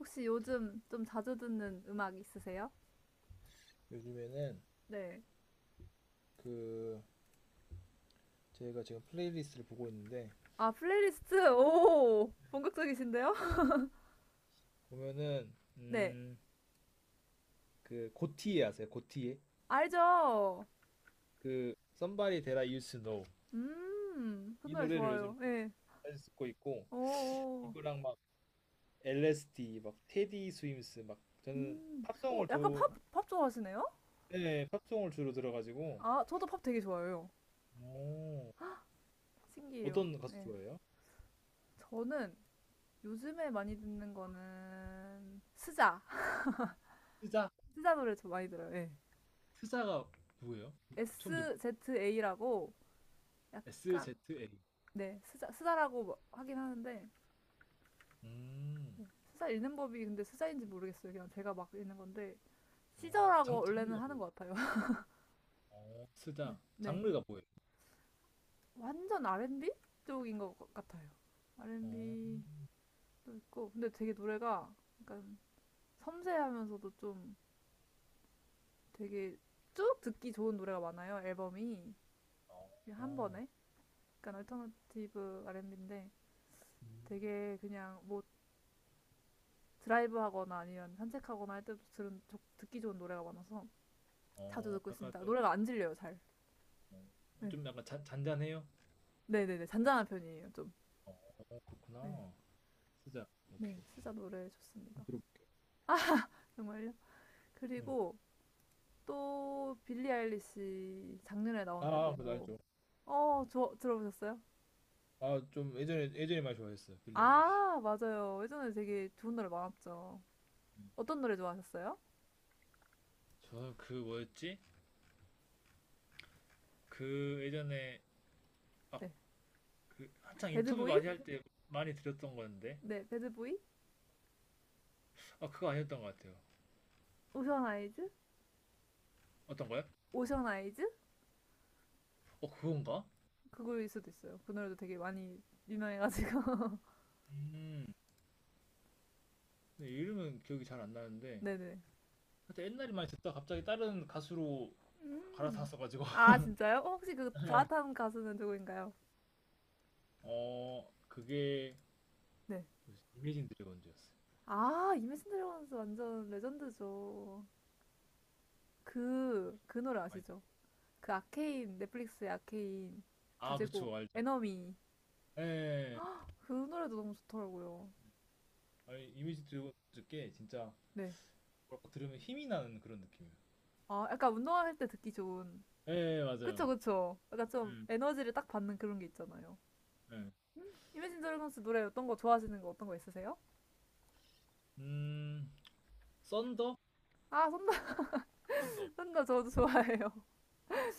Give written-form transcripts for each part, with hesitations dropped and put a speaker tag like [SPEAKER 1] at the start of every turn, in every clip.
[SPEAKER 1] 혹시 요즘 좀 자주 듣는 음악 있으세요?
[SPEAKER 2] 요즘에는
[SPEAKER 1] 네.
[SPEAKER 2] 그 제가 지금 플레이리스트를 보고 있는데
[SPEAKER 1] 아, 플레이리스트? 오, 본격적이신데요?
[SPEAKER 2] 보면은
[SPEAKER 1] 네,
[SPEAKER 2] 음 그 고티에 아세요? 고티에.
[SPEAKER 1] 알죠?
[SPEAKER 2] 그 Somebody That I Used to Know,
[SPEAKER 1] 그
[SPEAKER 2] 이
[SPEAKER 1] 노래
[SPEAKER 2] 노래를 요즘
[SPEAKER 1] 좋아요. 예.
[SPEAKER 2] 자주 듣고 있고.
[SPEAKER 1] 오, 오,
[SPEAKER 2] 이거랑 막 LSD 막 테디 스임스 막 저는
[SPEAKER 1] 오
[SPEAKER 2] 팝송을
[SPEAKER 1] 약간
[SPEAKER 2] 저.
[SPEAKER 1] 팝 좋아하시네요?
[SPEAKER 2] 네, 팝송을 주로 들어가지고.
[SPEAKER 1] 아, 저도 팝 되게 좋아해요.
[SPEAKER 2] 오,
[SPEAKER 1] 신기해요.
[SPEAKER 2] 어떤 가수
[SPEAKER 1] 예.
[SPEAKER 2] 좋아해요?
[SPEAKER 1] 저는 요즘에 많이 듣는 거는 스자.
[SPEAKER 2] 스자.
[SPEAKER 1] 스자 노래 좀 많이 들어요. 예.
[SPEAKER 2] 스자가 누구예요? 처음 들어.
[SPEAKER 1] SZA라고 약간,
[SPEAKER 2] SZA.
[SPEAKER 1] 네, 스자, 스자라고 뭐 하긴 하는데,
[SPEAKER 2] 음.
[SPEAKER 1] 스사 읽는 법이 근데 스사인지 모르겠어요. 그냥 제가 막 읽는 건데
[SPEAKER 2] 어, 장,
[SPEAKER 1] 시저라고 원래는
[SPEAKER 2] 장르가
[SPEAKER 1] 하는
[SPEAKER 2] 뭐예요?
[SPEAKER 1] 것 같아요.
[SPEAKER 2] 어,
[SPEAKER 1] 네,
[SPEAKER 2] 스작.
[SPEAKER 1] 네.
[SPEAKER 2] 장르가 뭐예요?
[SPEAKER 1] 완전 R&B 쪽인 것 같아요.
[SPEAKER 2] 어,
[SPEAKER 1] R&B도 있고 근데 되게 노래가 약간 섬세하면서도 좀 되게 쭉 듣기 좋은 노래가 많아요. 앨범이 한
[SPEAKER 2] 어,
[SPEAKER 1] 번에 약간 얼터너티브 R&B인데
[SPEAKER 2] 음.
[SPEAKER 1] 되게 그냥 뭐 드라이브하거나 아니면 산책하거나 할 때도 들은 듣기 좋은 노래가 많아서 자주
[SPEAKER 2] 어,
[SPEAKER 1] 듣고
[SPEAKER 2] 약간
[SPEAKER 1] 있습니다.
[SPEAKER 2] 좀,
[SPEAKER 1] 노래가 안 질려요 잘.
[SPEAKER 2] 어,
[SPEAKER 1] 네.
[SPEAKER 2] 좀 약간 잔잔해요?
[SPEAKER 1] 네네네. 잔잔한 편이에요, 좀.
[SPEAKER 2] 어,
[SPEAKER 1] 네.
[SPEAKER 2] 그렇구나. 스작.
[SPEAKER 1] 네.
[SPEAKER 2] 오케이.
[SPEAKER 1] 스자 노래
[SPEAKER 2] 좀
[SPEAKER 1] 좋습니다.
[SPEAKER 2] 들어볼게요.
[SPEAKER 1] 정말요?
[SPEAKER 2] 네.
[SPEAKER 1] 그리고 또 빌리 아일리시 작년에 나온
[SPEAKER 2] 아, 그거
[SPEAKER 1] 앨범도
[SPEAKER 2] 알죠.
[SPEAKER 1] 어, 저 들어보셨어요?
[SPEAKER 2] 아, 좀 예전에, 예전에 많이 좋아했어요. 빌리 아일리시.
[SPEAKER 1] 아, 맞아요. 예전에 되게 좋은 노래 많았죠.
[SPEAKER 2] 음.
[SPEAKER 1] 어떤 노래 좋아하셨어요?
[SPEAKER 2] 저는 그 뭐였지? 그 예전에, 아,
[SPEAKER 1] 네.
[SPEAKER 2] 그 한창 인터뷰
[SPEAKER 1] 배드보이?
[SPEAKER 2] 많이 할 때 많이 들었던 건데.
[SPEAKER 1] 네, 배드보이?
[SPEAKER 2] 아, 그거 아니었던 것 같아요.
[SPEAKER 1] 오션 아이즈?
[SPEAKER 2] 어떤 거요?
[SPEAKER 1] 오션 아이즈?
[SPEAKER 2] 어, 그건가?
[SPEAKER 1] 그거일 수도 있어요. 그 노래도 되게 많이 유명해가지고.
[SPEAKER 2] 음. 근데 이름은 기억이 잘 안 나는데.
[SPEAKER 1] 네네.
[SPEAKER 2] 그때 옛날에 많이 듣다 가 갑자기 다른 가수로
[SPEAKER 1] 음.
[SPEAKER 2] 갈아탔어가지고
[SPEAKER 1] 아, 진짜요? 어, 혹시 그
[SPEAKER 2] 예.
[SPEAKER 1] 가타는 가수는 누구인가요?
[SPEAKER 2] 그게
[SPEAKER 1] 네.
[SPEAKER 2] 뭐지? 이미진 드래곤즈였어요.
[SPEAKER 1] 아, 이매진 드래곤스 완전 레전드죠. 그 노래
[SPEAKER 2] 많이 듣-
[SPEAKER 1] 아시죠? 그 아케인, 넷플릭스의 아케인
[SPEAKER 2] 아
[SPEAKER 1] 주제곡,
[SPEAKER 2] 그쵸 알죠.
[SPEAKER 1] 에너미.
[SPEAKER 2] 예.
[SPEAKER 1] 그 노래도 너무 좋더라고요.
[SPEAKER 2] 아니 이미진 드래곤즈께 진짜
[SPEAKER 1] 네.
[SPEAKER 2] 뭐랄까 들으면 힘이 나는 그런 느낌이에요.
[SPEAKER 1] 아, 약간 운동할 때 듣기 좋은.
[SPEAKER 2] 예
[SPEAKER 1] 그쵸,
[SPEAKER 2] 맞아요.
[SPEAKER 1] 그쵸. 약간 좀
[SPEAKER 2] 음.
[SPEAKER 1] 에너지를 딱 받는 그런 게 있잖아요.
[SPEAKER 2] 예.
[SPEAKER 1] 음, 이매진 드래곤스 노래 어떤 거 좋아하시는 거 어떤 거 있으세요?
[SPEAKER 2] 음 썬더.
[SPEAKER 1] 아, 던더
[SPEAKER 2] 썬더.
[SPEAKER 1] 선더 저도 좋아해요.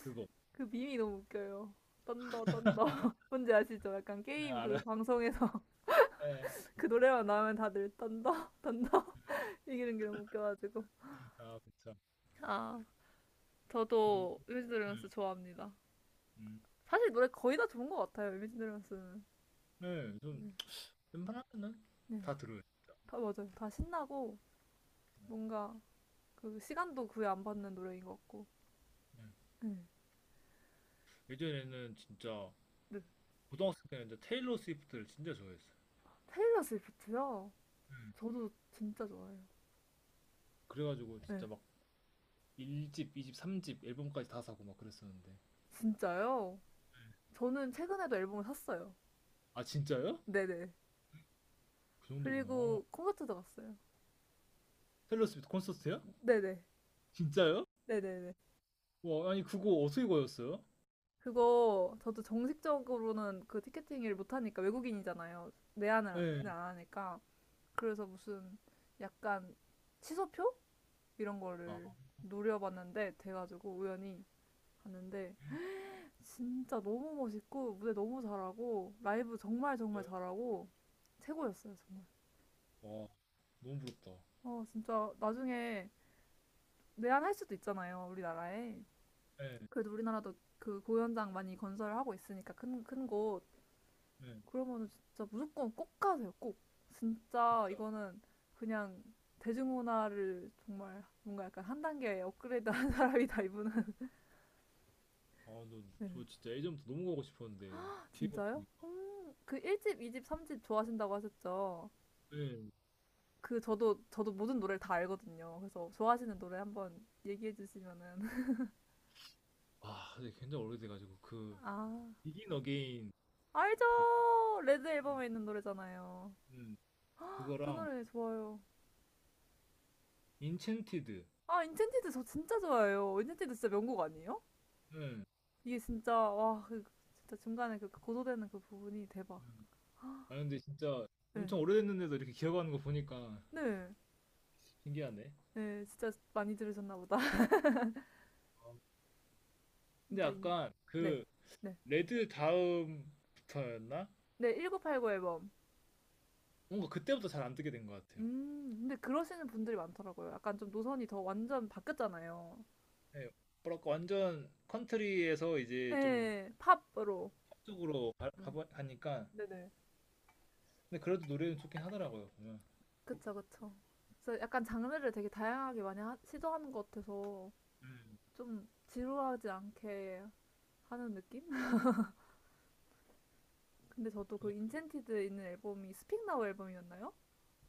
[SPEAKER 2] 그거.
[SPEAKER 1] 그 밈이 너무 웃겨요. 던더 던더 뭔지 아시죠? 약간
[SPEAKER 2] 예
[SPEAKER 1] 게임
[SPEAKER 2] 알아.
[SPEAKER 1] 그 방송에서
[SPEAKER 2] 예.
[SPEAKER 1] 그 노래만 나오면 다들 던더던더 이기는 게 너무 웃겨가지고.
[SPEAKER 2] 아 그쵸.
[SPEAKER 1] 아,
[SPEAKER 2] 그러고.
[SPEAKER 1] 저도 이미지
[SPEAKER 2] 음.
[SPEAKER 1] 드래곤스 좋아합니다.
[SPEAKER 2] 음.
[SPEAKER 1] 사실 노래 거의 다 좋은 것 같아요, 이미지 드래곤스는.
[SPEAKER 2] 네, 좀 웬만하면은
[SPEAKER 1] 네.
[SPEAKER 2] 다 들어요.
[SPEAKER 1] 다, 맞아요. 다 신나고, 뭔가, 그, 시간도 구애 안 받는 노래인 것 같고.
[SPEAKER 2] 예.
[SPEAKER 1] 네.
[SPEAKER 2] 예전에는 진짜
[SPEAKER 1] 네.
[SPEAKER 2] 고등학생 때는 이제 테일러 스위프트를 진짜 좋아했어요.
[SPEAKER 1] 테일러 스위프트요?
[SPEAKER 2] 음.
[SPEAKER 1] 저도 진짜 좋아해요.
[SPEAKER 2] 그래가지고
[SPEAKER 1] 네.
[SPEAKER 2] 진짜 막 1집, 2집, 3집 앨범까지 다 사고 막 그랬었는데.
[SPEAKER 1] 진짜요? 저는 최근에도 앨범을 샀어요.
[SPEAKER 2] 아, 진짜요?
[SPEAKER 1] 네네.
[SPEAKER 2] 그 정도구나.
[SPEAKER 1] 그리고 콘서트도 갔어요.
[SPEAKER 2] 테일러 스위프트 콘서트요?
[SPEAKER 1] 네네.
[SPEAKER 2] 진짜요?
[SPEAKER 1] 네네네.
[SPEAKER 2] 와, 아니 그거 어떻게 거였어요?
[SPEAKER 1] 그거 저도 정식적으로는 그 티켓팅 일 못하니까 외국인이잖아요. 내한을
[SPEAKER 2] 예.
[SPEAKER 1] 안 하니까. 그래서 무슨 약간 취소표? 이런
[SPEAKER 2] 아,
[SPEAKER 1] 거를 노려봤는데 돼가지고 우연히 봤는데 진짜 너무 멋있고 무대 너무 잘하고 라이브 정말 정말
[SPEAKER 2] 진짜요?
[SPEAKER 1] 잘하고 최고였어요 정말.
[SPEAKER 2] 와, 너무 부럽다.
[SPEAKER 1] 어 진짜 나중에 내한할 수도 있잖아요 우리나라에.
[SPEAKER 2] 예,
[SPEAKER 1] 그래도 우리나라도 그 공연장 많이 건설하고 있으니까 큰 곳.
[SPEAKER 2] 예,
[SPEAKER 1] 그러면은 진짜 무조건 꼭 가세요, 꼭. 진짜
[SPEAKER 2] 진짜.
[SPEAKER 1] 이거는 그냥 대중문화를 정말 뭔가 약간 한 단계 업그레이드 한 사람이다, 이분은.
[SPEAKER 2] 아, 너,
[SPEAKER 1] 네.
[SPEAKER 2] 저 진짜 예전부터 너무 가고 싶었는데 기회가
[SPEAKER 1] 진짜요?
[SPEAKER 2] 없으니까.
[SPEAKER 1] 그 1집, 2집, 3집 좋아하신다고 하셨죠?
[SPEAKER 2] 예.
[SPEAKER 1] 그 저도 모든 노래를 다 알거든요. 그래서 좋아하시는 노래 한번 얘기해 주시면은.
[SPEAKER 2] 아, 근데 굉장히 오래돼가지고 그
[SPEAKER 1] 아,
[SPEAKER 2] 비긴 어게인
[SPEAKER 1] 알죠! 레드
[SPEAKER 2] 음,
[SPEAKER 1] 앨범에 있는 노래잖아요.
[SPEAKER 2] 음,
[SPEAKER 1] 그
[SPEAKER 2] 그거랑
[SPEAKER 1] 노래 좋아요.
[SPEAKER 2] 인챈티드.
[SPEAKER 1] 아, 인첸티드 저 진짜 좋아해요. 인첸티드 진짜 명곡 아니에요?
[SPEAKER 2] 예.
[SPEAKER 1] 이게 진짜 와, 그 진짜 중간에 그 고소되는 그 부분이 대박.
[SPEAKER 2] 음. 아 근데 진짜
[SPEAKER 1] 네.
[SPEAKER 2] 엄청 오래됐는데도 이렇게 기억하는 거 보니까
[SPEAKER 1] 네.
[SPEAKER 2] 신기하네.
[SPEAKER 1] 네, 진짜 많이 들으셨나 보다.
[SPEAKER 2] 근데
[SPEAKER 1] 진짜 인...
[SPEAKER 2] 약간
[SPEAKER 1] 네.
[SPEAKER 2] 그
[SPEAKER 1] 네.
[SPEAKER 2] 레드 다음부터였나?
[SPEAKER 1] 네, 1989 앨범.
[SPEAKER 2] 뭔가 그때부터 잘 안 뜨게 된 것 같아요.
[SPEAKER 1] 근데 그러시는 분들이 많더라고요. 약간 좀 노선이 더 완전 바뀌었잖아요.
[SPEAKER 2] 네, 뭐랄까 완전 컨트리에서 이제 좀
[SPEAKER 1] 네, 팝으로.
[SPEAKER 2] 쪽으로 가,
[SPEAKER 1] 음,
[SPEAKER 2] 가- 가니까
[SPEAKER 1] 네네.
[SPEAKER 2] 근데 그래도 노래는 좋긴 하더라고요 보면.
[SPEAKER 1] 그쵸, 그쵸. 그래서 약간 장르를 되게 다양하게 많이 하- 시도하는 것 같아서
[SPEAKER 2] 음,
[SPEAKER 1] 좀 지루하지 않게 하는 느낌? 근데 저도 그
[SPEAKER 2] 저는 그,
[SPEAKER 1] 인챈티드 있는 앨범이 스픽 나우 앨범이었나요?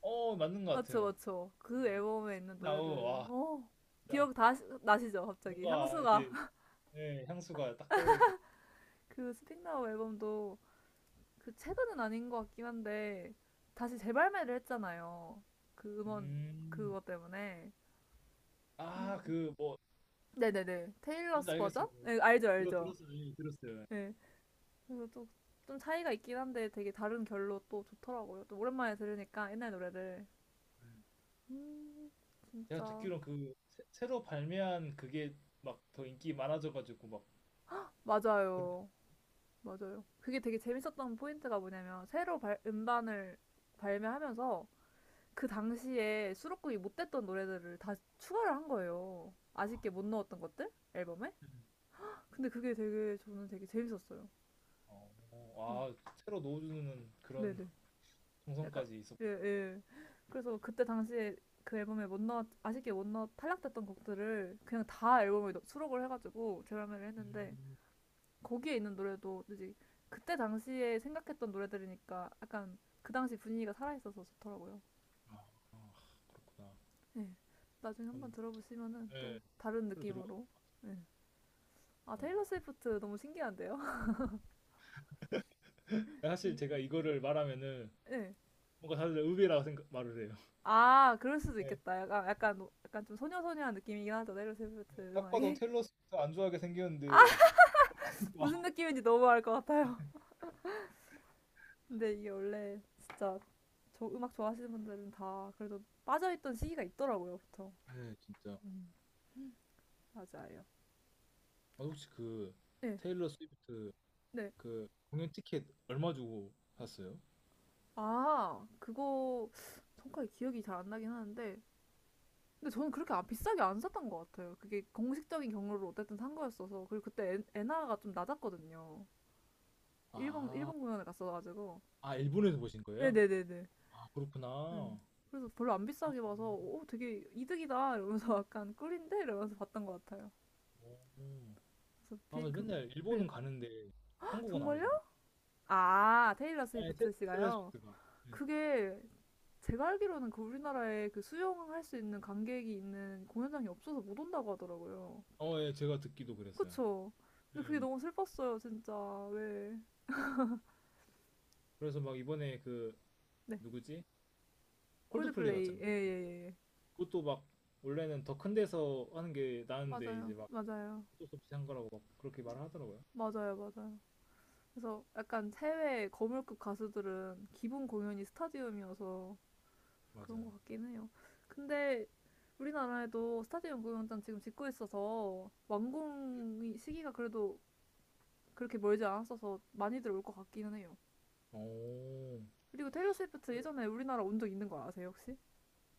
[SPEAKER 2] 어 맞는 것
[SPEAKER 1] 맞죠,
[SPEAKER 2] 같아요.
[SPEAKER 1] 맞죠. 그
[SPEAKER 2] 음,
[SPEAKER 1] 앨범에 있는
[SPEAKER 2] 나우
[SPEAKER 1] 노래들.
[SPEAKER 2] 와
[SPEAKER 1] 어,
[SPEAKER 2] 진짜
[SPEAKER 1] 기억 다 시- 나시죠, 갑자기.
[SPEAKER 2] 뭔가
[SPEAKER 1] 향수가.
[SPEAKER 2] 이제 예, 향수가 딱 떠오르네.
[SPEAKER 1] 그 스픽나우 앨범도 그 최근은 아닌 것 같긴 한데, 다시 재발매를 했잖아요. 그 음원,
[SPEAKER 2] 음,
[SPEAKER 1] 그거 때문에.
[SPEAKER 2] 아
[SPEAKER 1] 근데,
[SPEAKER 2] 그뭐
[SPEAKER 1] 네네네.
[SPEAKER 2] 뭔지
[SPEAKER 1] 테일러스 버전?
[SPEAKER 2] 알겠어요. 그
[SPEAKER 1] 네, 알죠,
[SPEAKER 2] 들어
[SPEAKER 1] 알죠.
[SPEAKER 2] 들었어요. 예, 들었어요.
[SPEAKER 1] 네. 그래서 또, 좀 차이가 있긴 한데 되게 다른 결로 또 좋더라고요. 또 오랜만에 들으니까 옛날 노래를.
[SPEAKER 2] 예.
[SPEAKER 1] 음,
[SPEAKER 2] 제가
[SPEAKER 1] 진짜.
[SPEAKER 2] 듣기로 그 새, 로 발매한 그게 막 더 인기 많아져가지고 막그
[SPEAKER 1] 맞아요. 맞아요. 그게 되게 재밌었던 포인트가 뭐냐면 새로 발, 음반을 발매하면서 그 당시에 수록곡이 못 됐던 노래들을 다 추가를 한 거예요.
[SPEAKER 2] 아,
[SPEAKER 1] 아쉽게 못 넣었던 것들 앨범에.
[SPEAKER 2] 네.
[SPEAKER 1] 근데 그게 되게 저는 되게 재밌었어요.
[SPEAKER 2] 어,
[SPEAKER 1] 음,
[SPEAKER 2] 아 새로 넣어주는 그런
[SPEAKER 1] 네네. 약간
[SPEAKER 2] 정성까지
[SPEAKER 1] 예
[SPEAKER 2] 있었구나.
[SPEAKER 1] 예. 그래서 그때 당시에 그 앨범에 못 넣었 아쉽게 못 넣었 탈락됐던 곡들을 그냥 다 앨범에 넣- 수록을 해가지고 재발매를 했는데
[SPEAKER 2] 음,
[SPEAKER 1] 거기에 있는 노래도 이제 그때 당시에 생각했던 노래들이니까 약간 그 당시 분위기가 살아있어서 좋더라고요.
[SPEAKER 2] 아, 아, 그렇구나.
[SPEAKER 1] 네. 나중에 한번
[SPEAKER 2] 음,
[SPEAKER 1] 들어보시면은
[SPEAKER 2] 예,
[SPEAKER 1] 또 다른
[SPEAKER 2] 새로 들어가.
[SPEAKER 1] 느낌으로. 네. 아,
[SPEAKER 2] 아.
[SPEAKER 1] 테일러 스위프트 너무 신기한데요?
[SPEAKER 2] 사실 제가
[SPEAKER 1] 이-
[SPEAKER 2] 이거를 말하면은
[SPEAKER 1] 네.
[SPEAKER 2] 뭔가 다들 의외라고 생각 말을 해요.
[SPEAKER 1] 아, 그럴 수도
[SPEAKER 2] 예.
[SPEAKER 1] 있겠다. 약간, 노- 약간 좀 소녀소녀한 느낌이긴 하죠. 테일러
[SPEAKER 2] 예.
[SPEAKER 1] 스위프트
[SPEAKER 2] 딱 봐도
[SPEAKER 1] 음악이.
[SPEAKER 2] 테일러 스위프트 안 좋아하게 생겼는데.
[SPEAKER 1] 무슨 느낌인지 너무 알 것 같아요. 근데 이게 원래 진짜 저 음악 좋아하시는 분들은 다 그래도 빠져있던 시기가 있더라고요, 보통.
[SPEAKER 2] 네, 진짜. 아,
[SPEAKER 1] 맞아요.
[SPEAKER 2] 혹시 그
[SPEAKER 1] 네.
[SPEAKER 2] 테일러 스위프트
[SPEAKER 1] 네.
[SPEAKER 2] 그 공연 티켓 얼마 주고 샀어요?
[SPEAKER 1] 아, 그거 정확하게 기억이 잘 안 나긴 하는데 근데 저는 그렇게 안- 비싸게 안 샀던 것 같아요. 그게 공식적인 경로로 어쨌든 산 거였어서 그리고 그때 엔, 엔화가 좀 낮았거든요. 일본
[SPEAKER 2] 아,
[SPEAKER 1] 일본 공연을 갔어가지고
[SPEAKER 2] 아 일본에서 보신 거예요?
[SPEAKER 1] 네네네네.
[SPEAKER 2] 아 그렇구나.
[SPEAKER 1] 음. 그래서 별로 안
[SPEAKER 2] 아,
[SPEAKER 1] 비싸게 봐서 오 되게 이득이다 이러면서 약간 꿀인데 이러면서 봤던 것 같아요.
[SPEAKER 2] 오.
[SPEAKER 1] 그래서
[SPEAKER 2] 아
[SPEAKER 1] 비,
[SPEAKER 2] 맞아.
[SPEAKER 1] 그
[SPEAKER 2] 맨날
[SPEAKER 1] 네.
[SPEAKER 2] 일본은 가는데 한국은 안
[SPEAKER 1] 정말요?
[SPEAKER 2] 오잖아요.
[SPEAKER 1] 아 테일러
[SPEAKER 2] 아니
[SPEAKER 1] 스위프트
[SPEAKER 2] 테-
[SPEAKER 1] 씨가요.
[SPEAKER 2] 텔레소프트가. 네.
[SPEAKER 1] 그게 제가 알기로는 그 우리나라에 그 수영할 수 있는 관객이 있는 공연장이 없어서 못 온다고 하더라고요.
[SPEAKER 2] 어, 예, 제가 듣기도 그랬어요.
[SPEAKER 1] 그쵸? 근데 그게
[SPEAKER 2] 음.
[SPEAKER 1] 너무 슬펐어요, 진짜. 왜.
[SPEAKER 2] 그래서 막 이번에 그
[SPEAKER 1] 네.
[SPEAKER 2] 누구지? 콜드플레이
[SPEAKER 1] 콜드플레이.
[SPEAKER 2] 왔잖아요.
[SPEAKER 1] 예, 예, 예. 예.
[SPEAKER 2] 그것도 막 원래는 더 큰 데서 하는 게 나은데
[SPEAKER 1] 맞아요.
[SPEAKER 2] 이제 막
[SPEAKER 1] 맞아요.
[SPEAKER 2] 어쩔 수 없이 한 거라고 막 그렇게 말을 하더라고요.
[SPEAKER 1] 맞아요. 맞아요. 그래서 약간 해외 거물급 가수들은 기본 공연이 스타디움이어서 그런
[SPEAKER 2] 맞아요.
[SPEAKER 1] 것 같긴 해요. 근데 우리나라에도 스타디움 공연장 지금 짓고 있어서 완공 시기가 그래도 그렇게 멀지 않았어서 많이들 올 것 같기는 해요.
[SPEAKER 2] 오.
[SPEAKER 1] 그리고 테일러 스위프트 예전에 우리나라 온 적 있는 거 아세요 혹시?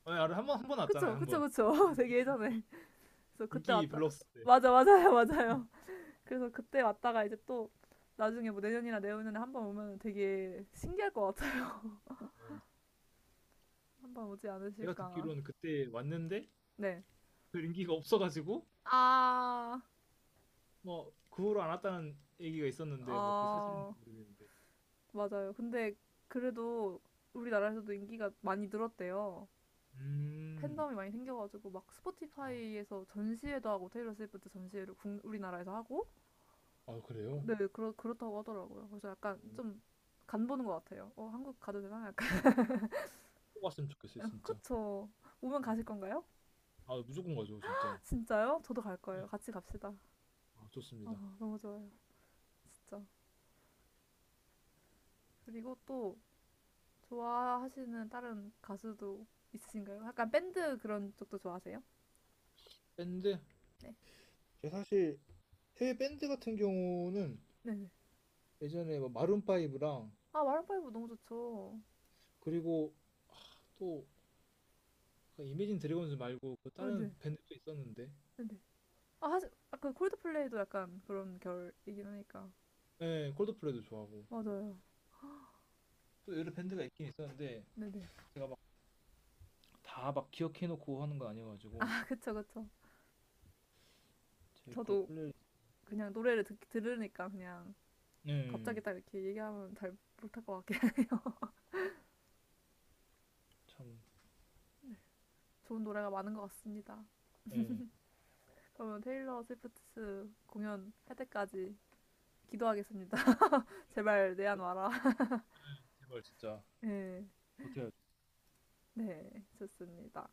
[SPEAKER 2] 아, 한번 한 번 왔잖아요,
[SPEAKER 1] 그쵸
[SPEAKER 2] 한
[SPEAKER 1] 그쵸
[SPEAKER 2] 번.
[SPEAKER 1] 그쵸
[SPEAKER 2] 예.
[SPEAKER 1] 되게 예전에 그래서 그때
[SPEAKER 2] 인기
[SPEAKER 1] 왔다
[SPEAKER 2] 별로 없을 때. 네.
[SPEAKER 1] 맞아 맞아요 맞아요 그래서 그때 왔다가 이제 또 나중에 뭐 내년이나 내후년에 한번 오면 되게 신기할 것 같아요 한번 오지
[SPEAKER 2] 제가
[SPEAKER 1] 않으실까
[SPEAKER 2] 듣기로는 그때 왔는데
[SPEAKER 1] 네아
[SPEAKER 2] 별 인기가 없어가지고
[SPEAKER 1] 아,
[SPEAKER 2] 뭐 그 후로 안 왔다는 얘기가 있었는데 뭐 그게
[SPEAKER 1] 아,
[SPEAKER 2] 사실인지 모르겠는데.
[SPEAKER 1] 맞아요 근데 그래도 우리나라에서도 인기가 많이 늘었대요
[SPEAKER 2] 음.
[SPEAKER 1] 팬덤이 많이 생겨가지고 막
[SPEAKER 2] 아,
[SPEAKER 1] 스포티파이에서 전시회도 하고 테일러 스위프트 전시회를 국- 우리나라에서 하고
[SPEAKER 2] 아, 그래요?
[SPEAKER 1] 네, 그렇다고 하더라고요. 그래서 약간 좀
[SPEAKER 2] 어,
[SPEAKER 1] 간보는 것 같아요. 어, 한국 가도 되나? 약간.
[SPEAKER 2] 꼭 왔으면 좋겠어요, 진짜.
[SPEAKER 1] 그쵸. 오면 가실 건가요?
[SPEAKER 2] 아, 무조건 가죠, 진짜.
[SPEAKER 1] 진짜요? 저도 갈
[SPEAKER 2] 네.
[SPEAKER 1] 거예요. 같이 갑시다.
[SPEAKER 2] 아, 좋습니다.
[SPEAKER 1] 아, 너무 좋아요. 진짜. 그리고 또 좋아하시는 다른 가수도 있으신가요? 약간 밴드 그런 쪽도 좋아하세요?
[SPEAKER 2] 밴드?
[SPEAKER 1] 네.
[SPEAKER 2] 제 사실 해외 밴드 같은 경우는
[SPEAKER 1] 네네.
[SPEAKER 2] 예전에 뭐 마룬파이브랑
[SPEAKER 1] 아, 마룬파이브 너무 좋죠.
[SPEAKER 2] 그리고 아, 또 이매진 드래곤즈 말고 그
[SPEAKER 1] 아,
[SPEAKER 2] 다른
[SPEAKER 1] 네.
[SPEAKER 2] 밴드도 있었는데
[SPEAKER 1] 네네. 아, 사실, 아까 콜드플레이도 약간 그런 결이긴 하니까.
[SPEAKER 2] 네, 콜드플레이도 좋아하고
[SPEAKER 1] 맞아요.
[SPEAKER 2] 또 여러 밴드가 있긴 있었는데
[SPEAKER 1] 네네.
[SPEAKER 2] 제가 막 다 막 기억해놓고 하는 거 아니어가지고
[SPEAKER 1] 아, 그쵸, 그쵸.
[SPEAKER 2] 제 거
[SPEAKER 1] 저도
[SPEAKER 2] 플레이리스트
[SPEAKER 1] 그냥 노래를 들으니까 그냥
[SPEAKER 2] 네,
[SPEAKER 1] 갑자기 딱 이렇게 얘기하면 잘 못할 것 같긴 해요.
[SPEAKER 2] 참
[SPEAKER 1] 좋은 노래가 많은 것 같습니다.
[SPEAKER 2] 네.
[SPEAKER 1] 그러면 테일러 스위프트 공연 할 때까지 기도하겠습니다. 제발 내한
[SPEAKER 2] 어?
[SPEAKER 1] 와라.
[SPEAKER 2] 제발 진짜
[SPEAKER 1] 네,
[SPEAKER 2] 어떻게 해야
[SPEAKER 1] 네, 좋습니다.